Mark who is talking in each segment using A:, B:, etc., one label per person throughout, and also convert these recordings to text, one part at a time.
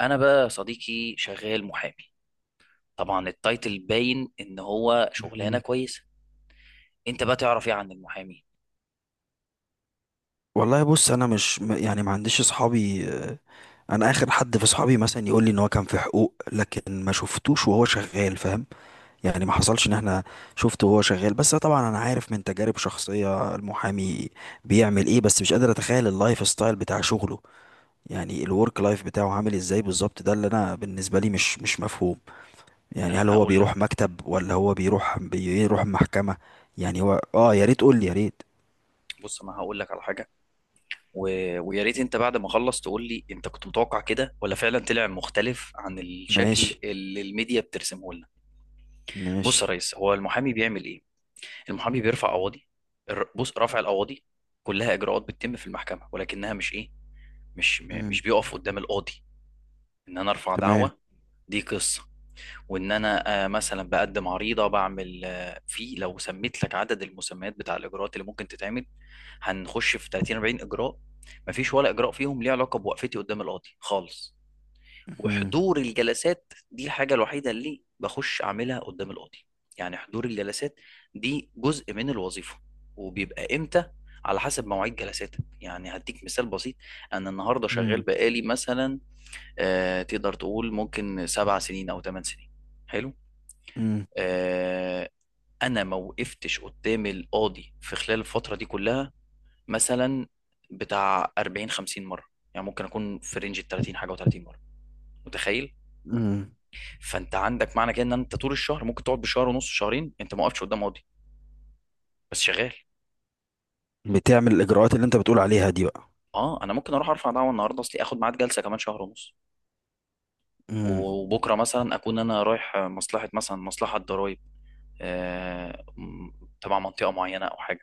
A: انا بقى يا صديقي شغال محامي. طبعا التايتل باين ان هو شغلانه
B: مم.
A: كويسه. انت بقى تعرف ايه عن المحامي؟
B: والله بص انا مش يعني ما عنديش اصحابي انا اخر حد في اصحابي مثلا يقول لي ان هو كان في حقوق، لكن ما شفتوش وهو شغال، فاهم. يعني ما حصلش ان احنا شفته وهو شغال. بس طبعا انا عارف من تجارب شخصية المحامي بيعمل ايه، بس مش قادر اتخيل اللايف ستايل بتاع شغله، يعني الورك لايف بتاعه عامل ازاي بالظبط. ده اللي انا بالنسبة لي مش مفهوم. يعني
A: لا،
B: هل
A: انا
B: هو
A: هقول
B: بيروح
A: لك.
B: مكتب، ولا هو بيروح محكمة؟ يعني هو يا ريت قول لي، يا ريت.
A: بص، انا هقول لك على حاجه. و... ويا ريت انت بعد ما اخلص تقول لي انت كنت متوقع كده، ولا فعلا طلع مختلف عن
B: ماشي،
A: الشكل اللي الميديا بترسمه لنا. بص
B: ماشي.
A: يا ريس، هو المحامي بيعمل ايه؟ المحامي بيرفع قواضي. بص، رفع القواضي كلها اجراءات بتتم في المحكمه، ولكنها مش ايه، مش بيقف قدام القاضي. ان انا ارفع
B: تمام.
A: دعوه، دي قصه. وان انا مثلا بقدم عريضه، بعمل في، لو سميت لك عدد المسميات بتاع الاجراءات اللي ممكن تتعمل هنخش في 30 40 اجراء. مفيش ولا اجراء فيهم ليه علاقه بوقفتي قدام القاضي خالص.
B: مم.
A: وحضور الجلسات دي الحاجه الوحيده اللي بخش اعملها قدام القاضي. يعني حضور الجلسات دي جزء من الوظيفه. وبيبقى امتى؟ على حسب مواعيد جلساتك. يعني هديك مثال بسيط، انا النهارده شغال
B: مم.
A: بقالي مثلا تقدر تقول ممكن سبع سنين او ثمان سنين. حلو.
B: مم.
A: آه، انا ما وقفتش قدام القاضي في خلال الفتره دي كلها، مثلا بتاع 40 50 مره. يعني ممكن اكون في رينج ال 30 حاجه و30 مره. متخيل؟
B: مم.
A: فانت عندك معنى كده ان انت طول الشهر ممكن تقعد بشهر ونص، شهرين، انت ما وقفتش قدام قاضي، بس شغال.
B: بتعمل الإجراءات اللي أنت بتقول عليها دي بقى.
A: اه، انا ممكن اروح ارفع دعوه النهارده اصلي اخد ميعاد جلسه كمان شهر ونص.
B: مم.
A: وبكره مثلا اكون انا رايح مصلحه، مثلا مصلحه ضرائب، آه، م- تبع منطقه معينه او حاجه.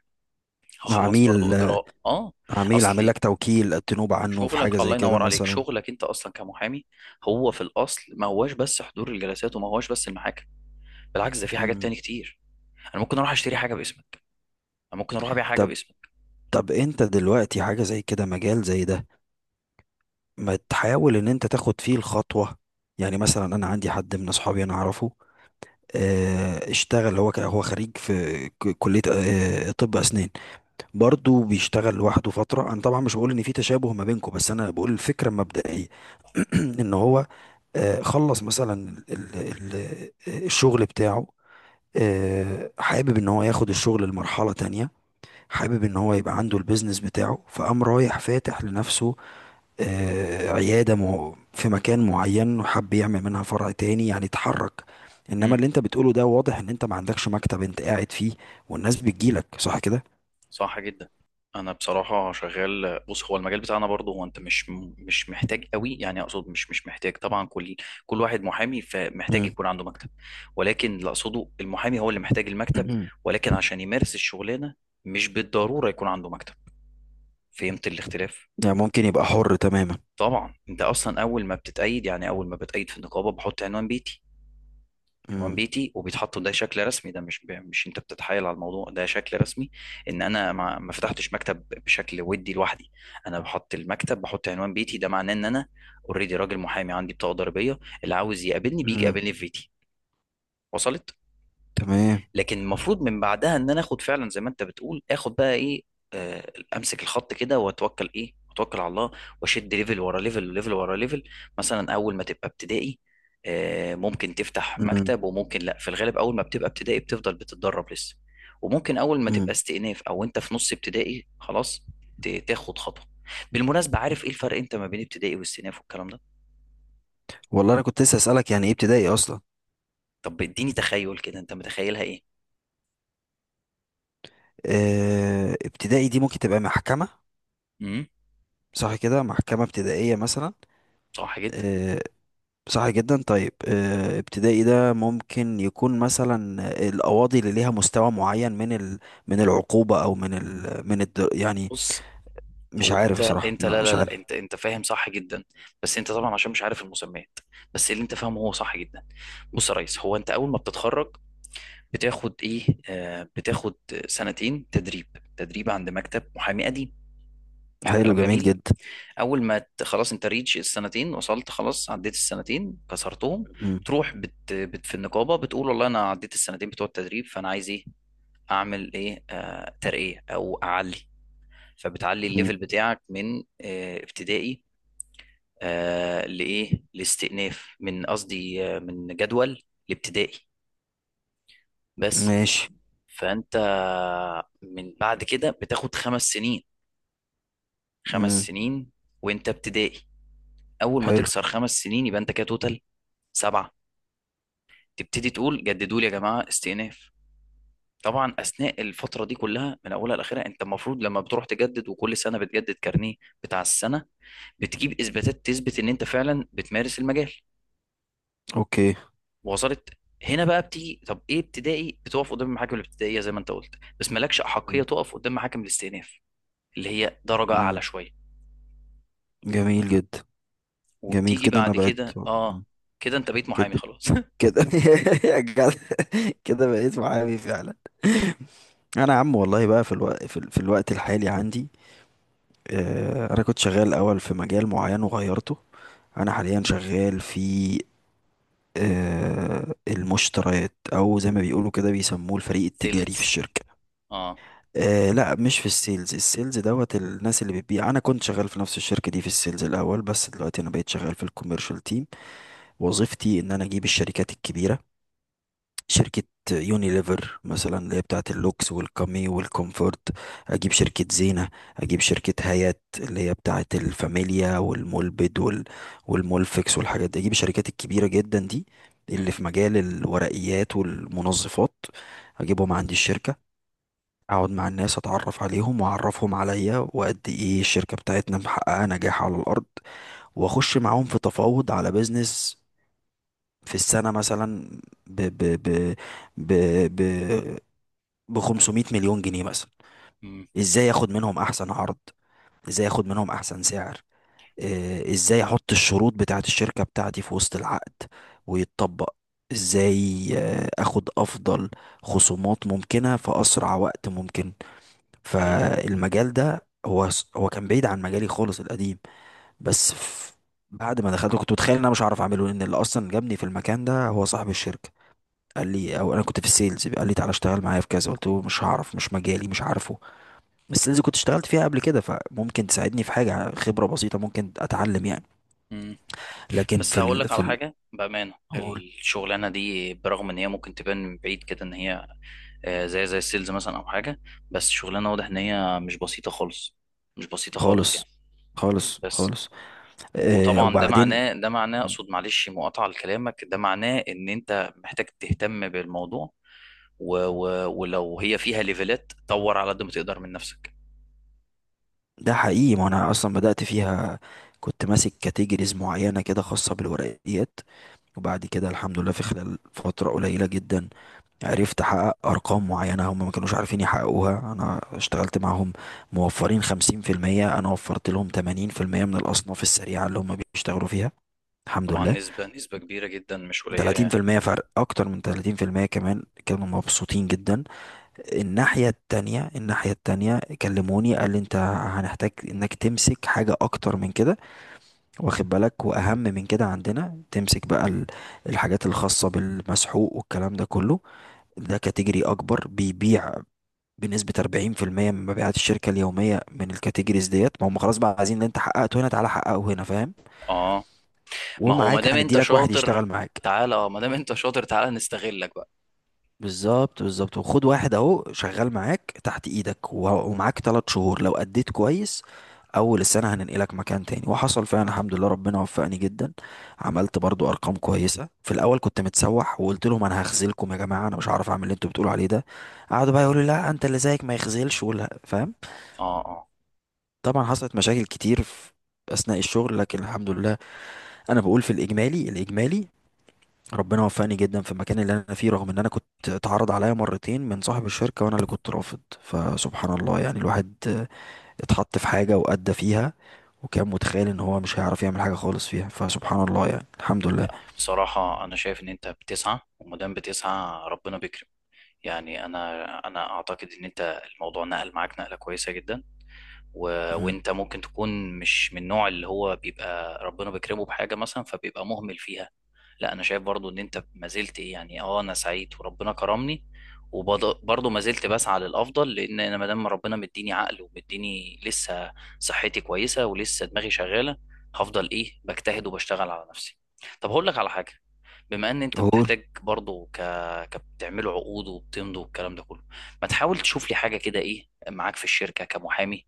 A: هخلص
B: عميل
A: برضو اجراء. اه
B: عميل عامل لك
A: اصلي
B: توكيل تنوب عنه في حاجة
A: شغلك الله
B: زي كده
A: ينور عليك،
B: مثلا.
A: شغلك انت اصلا كمحامي هو في الاصل ما هواش بس حضور الجلسات، وما هواش بس المحاكم. بالعكس، ده في حاجات
B: مم.
A: تاني كتير. انا ممكن اروح اشتري حاجه باسمك، انا ممكن اروح ابيع حاجه
B: طب
A: باسمك.
B: طب أنت دلوقتي حاجة زي كده، مجال زي ده، ما تحاول إن أنت تاخد فيه الخطوة؟ يعني مثلا أنا عندي حد من أصحابي أنا أعرفه، اشتغل هو هو خريج في كلية طب أسنان. برضه بيشتغل لوحده فترة. أنا طبعا مش بقول إن في تشابه ما بينكم، بس أنا بقول الفكرة المبدئية. إن هو خلص مثلا الشغل بتاعه، حابب إن هو ياخد الشغل لمرحلة تانية. حابب إن هو يبقى عنده البيزنس بتاعه، فقام رايح فاتح لنفسه عيادة في مكان معين، وحب يعمل منها فرع تاني، يعني اتحرك. انما
A: امم.
B: اللي انت بتقوله ده واضح ان انت ما عندكش مكتب انت قاعد فيه، والناس بتجيلك، صح كده؟
A: صح جدا. انا بصراحه شغال. بص، هو المجال بتاعنا برضه، هو انت مش محتاج قوي، يعني اقصد مش مش محتاج، طبعا كل واحد محامي فمحتاج
B: مم.
A: يكون عنده مكتب. ولكن اللي اقصده، المحامي هو اللي محتاج المكتب، ولكن عشان يمارس الشغلانه مش بالضروره يكون عنده مكتب. فهمت الاختلاف؟
B: يعني ممكن يبقى حر تماما.
A: طبعا انت اصلا اول ما بتتأيد، يعني اول ما بتأيد في النقابه، بحط عنوان بيتي. عنوان
B: مم.
A: بيتي وبيتحط، ده شكل رسمي، ده مش مش انت بتتحايل على الموضوع، ده شكل رسمي. ان انا ما فتحتش مكتب بشكل، ودي لوحدي. انا بحط المكتب، بحط عنوان بيتي، ده معناه ان انا اوريدي راجل محامي، عندي بطاقه ضريبيه، اللي عاوز يقابلني بيجي
B: مم.
A: يقابلني في بيتي. وصلت؟
B: تمام.
A: لكن المفروض من بعدها ان انا اخد فعلا زي ما انت بتقول، اخد بقى ايه، امسك الخط كده واتوكل ايه، اتوكل على الله. واشد ليفل ورا ليفل وليفل ورا ليفل. مثلا اول ما تبقى ابتدائي، ممكن تفتح
B: مم.
A: مكتب وممكن لا. في الغالب اول ما بتبقى ابتدائي بتفضل بتتدرب لسه. وممكن اول ما تبقى
B: مم.
A: استئناف، او انت في نص ابتدائي خلاص، تاخد خطوة. بالمناسبة، عارف ايه الفرق انت ما بين ابتدائي واستئناف والكلام ده؟
B: والله انا كنت لسه اسالك، يعني ايه ابتدائي اصلا؟
A: طب اديني، تخيل كده، انت متخيلها ايه؟
B: ابتدائي دي ممكن تبقى محكمة،
A: امم.
B: صح كده؟ محكمة ابتدائية مثلا.
A: صح جدا.
B: آه، صح جدا. طيب، ابتدائي ده ممكن يكون مثلا القواضي اللي ليها مستوى معين من من العقوبة، او من من يعني
A: بص،
B: مش
A: هو
B: عارف
A: انت
B: بصراحة،
A: انت
B: لا،
A: لا، لا،
B: مش
A: لا،
B: عارف.
A: انت فاهم صح جدا. بس انت طبعا عشان مش عارف المسميات، بس اللي انت فاهمه هو صح جدا. بص يا ريس، هو انت اول ما بتتخرج بتاخد ايه، بتاخد سنتين تدريب. تدريب عند مكتب محامي قديم.
B: حلو،
A: كلام
B: جميل
A: جميل.
B: جدا.
A: اول ما خلاص انت ريتش السنتين، وصلت خلاص، عديت السنتين كسرتهم،
B: مم.
A: تروح بت بت في النقابه بتقول والله انا عديت السنتين بتوع التدريب، فانا عايز ايه، اعمل ايه، ترقيه او اعلي. فبتعلي
B: مم.
A: الليفل بتاعك من ابتدائي لإيه، لاستئناف من قصدي، من جدول الابتدائي بس.
B: ماشي.
A: فأنت من بعد كده بتاخد خمس سنين. خمس
B: مم.
A: سنين وأنت ابتدائي. أول ما
B: حلو.
A: تكسر خمس سنين يبقى أنت كده توتال سبعة، تبتدي تقول جددوا لي يا جماعة استئناف. طبعا أثناء الفترة دي كلها من أولها لآخرها، أنت المفروض لما بتروح تجدد، وكل سنة بتجدد كارنيه بتاع السنة، بتجيب إثباتات تثبت إن أنت فعلا بتمارس المجال.
B: اوكي.
A: وصلت؟ هنا بقى بتيجي، طب ايه ابتدائي؟ بتقف قدام المحاكم الابتدائيه زي ما انت قلت. بس مالكش احقيه
B: مم.
A: تقف قدام محاكم الاستئناف، اللي هي درجه
B: مم.
A: اعلى شويه.
B: جميل جدا. جميل،
A: وبتيجي
B: كده انا
A: بعد
B: بقيت.
A: كده. اه
B: مم.
A: كده انت بقيت محامي
B: كده،
A: خلاص.
B: كده. يا جدع، كده بقيت معايا فعلا. انا يا عم والله بقى في الوقت في الوقت الحالي عندي انا كنت شغال الاول في مجال معين وغيرته. انا حاليا شغال في المشتريات، او زي ما بيقولوا كده بيسموه الفريق التجاري في
A: سيلز.
B: الشركة.
A: اه.
B: لا، مش في السيلز. السيلز دوت الناس اللي بتبيع. انا كنت شغال في نفس الشركة دي في السيلز الاول، بس دلوقتي انا بقيت شغال في الكوميرشال تيم. وظيفتي ان انا اجيب الشركات الكبيرة، شركة يونيليفر مثلا اللي هي بتاعة اللوكس والكامي والكومفورت. أجيب شركة زينة، أجيب شركة هايات اللي هي بتاعة الفاميليا والمولبد والمولفكس والحاجات دي. أجيب الشركات الكبيرة جدا دي اللي
A: مم.
B: في مجال الورقيات والمنظفات، أجيبهم عندي الشركة، أقعد مع الناس، أتعرف عليهم وأعرفهم عليا، وقد إيه الشركة بتاعتنا محققة نجاح على الأرض، وأخش معاهم في تفاوض على بيزنس في السنة مثلا ب ب ب ب ب ب 500 مليون جنيه مثلا.
A: مم.
B: ازاي ياخد منهم احسن عرض، ازاي ياخد منهم احسن سعر، ازاي احط الشروط بتاعت الشركة بتاعتي في وسط العقد ويتطبق، ازاي اخد افضل خصومات ممكنة في اسرع وقت ممكن.
A: هي.
B: فالمجال ده هو كان بعيد عن مجالي خالص القديم. بس ف- بعد ما دخلت كنت متخيل ان انا مش هعرف اعمله، لان اللي اصلا جابني في المكان ده هو صاحب الشركة، قال لي، او انا كنت في السيلز، قال لي تعالى اشتغل معايا في كذا. قلت له مش هعرف، مش مجالي، مش عارفه. السيلز كنت اشتغلت فيها قبل كده، فممكن تساعدني في حاجه، خبره بسيطه ممكن اتعلم يعني.
A: مم.
B: لكن
A: بس
B: في
A: هقول
B: ال
A: لك
B: في
A: على
B: ال
A: حاجه بامانه،
B: قول.
A: الشغلانه دي برغم ان هي ممكن تبان من بعيد كده ان هي زي السيلز مثلا او حاجه، بس الشغلانه واضح ان هي مش بسيطه خالص. مش بسيطه خالص
B: خالص،
A: يعني.
B: خالص،
A: بس.
B: خالص.
A: وطبعا ده
B: وبعدين.
A: معناه ده معناه اقصد معلش مقاطعه لكلامك، ده معناه ان انت محتاج تهتم بالموضوع. و و ولو هي فيها ليفلات، طور على قد ما تقدر من نفسك.
B: ده حقيقي، ما انا اصلا بدات فيها، كنت ماسك كاتيجوريز معينه كده خاصه بالورقيات، وبعد كده الحمد لله في خلال فتره قليله جدا عرفت احقق ارقام معينه هم ما كانوش عارفين يحققوها. انا اشتغلت معاهم موفرين 50%، انا وفرت لهم 80% من الاصناف السريعه اللي هم بيشتغلوا فيها، الحمد
A: طبعا
B: لله.
A: نسبه كبيره جدا مش قليله يعني.
B: 30% فرق، اكتر من 30% كمان، كانوا مبسوطين جدا. الناحيه التانية، الناحيه التانية كلموني، قال لي انت هنحتاج انك تمسك حاجه اكتر من كده. واخد بالك، واهم من كده عندنا تمسك بقى الحاجات الخاصه بالمسحوق والكلام ده كله، ده كاتيجوري اكبر، بيبيع بنسبة 40% من مبيعات الشركة اليومية، من الكاتيجوريز ديت. ما هم خلاص بقى عايزين اللي انت حققته هنا تعالى حققه هنا، فاهم؟
A: اه، ما هو ما
B: ومعاك
A: دام
B: هندي
A: انت
B: لك واحد يشتغل
A: شاطر،
B: معاك.
A: تعالى. اه ما دام انت شاطر تعالى نستغلك بقى.
B: بالظبط، بالظبط. وخد واحد اهو شغال معاك تحت ايدك ومعاك 3 شهور، لو اديت كويس اول السنة هننقلك مكان تاني. وحصل فعلا، الحمد لله، ربنا وفقني جدا. عملت برضو ارقام كويسة. في الاول كنت متسوح وقلت لهم انا هخذلكم يا جماعة، انا مش هعرف اعمل اللي انتوا بتقولوا عليه ده. قعدوا بقى يقولوا لا، انت اللي زيك ما يخذلش ولا، فاهم.
A: اه، اه.
B: طبعا حصلت مشاكل كتير في اثناء الشغل، لكن الحمد لله، انا بقول في الاجمالي ربنا وفقني جدا في المكان اللي انا فيه، رغم ان انا كنت اتعرض عليا مرتين من صاحب الشركه وانا اللي كنت رافض، فسبحان الله يعني. الواحد اتحط في حاجه وادى فيها، وكان متخيل ان هو مش هيعرف يعمل حاجه خالص فيها، فسبحان الله يعني، الحمد لله.
A: بصراحه انا شايف ان انت بتسعى، وما دام بتسعى ربنا بيكرم. يعني انا اعتقد ان انت الموضوع نقل معاك نقله كويسه جدا. و...
B: مم.
A: وانت ممكن تكون مش من النوع اللي هو بيبقى ربنا بيكرمه بحاجه مثلا فبيبقى مهمل فيها. لا، انا شايف برضو ان انت ما زلت إيه، يعني اه، انا سعيد وربنا كرمني، وبرضه ما زلت بسعى للافضل. لان انا ما دام ربنا مديني عقل ومديني لسه صحتي كويسه ولسه دماغي شغاله، هفضل ايه، بجتهد وبشتغل على نفسي. طب هقول لك على حاجه، بما ان انت
B: قول.
A: بتحتاج برضه كبتعملوا عقود وبتمضوا والكلام ده كله، ما تحاول تشوف لي حاجه كده ايه معاك في الشركه كمحامي.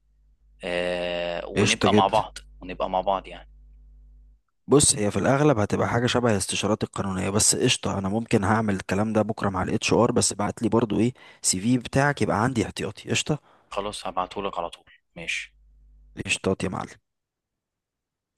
B: قشطه
A: ونبقى مع
B: جدا.
A: بعض ونبقى مع بعض يعني.
B: بص هي في الاغلب هتبقى حاجه شبه الاستشارات القانونيه، بس قشطه. انا ممكن هعمل الكلام ده بكره مع الـ HR، بس بعت لي برضو ايه CV بتاعك يبقى عندي احتياطي، قشطه.
A: خلاص هبعتهولك على طول. ماشي.
B: قشطات يا معلم.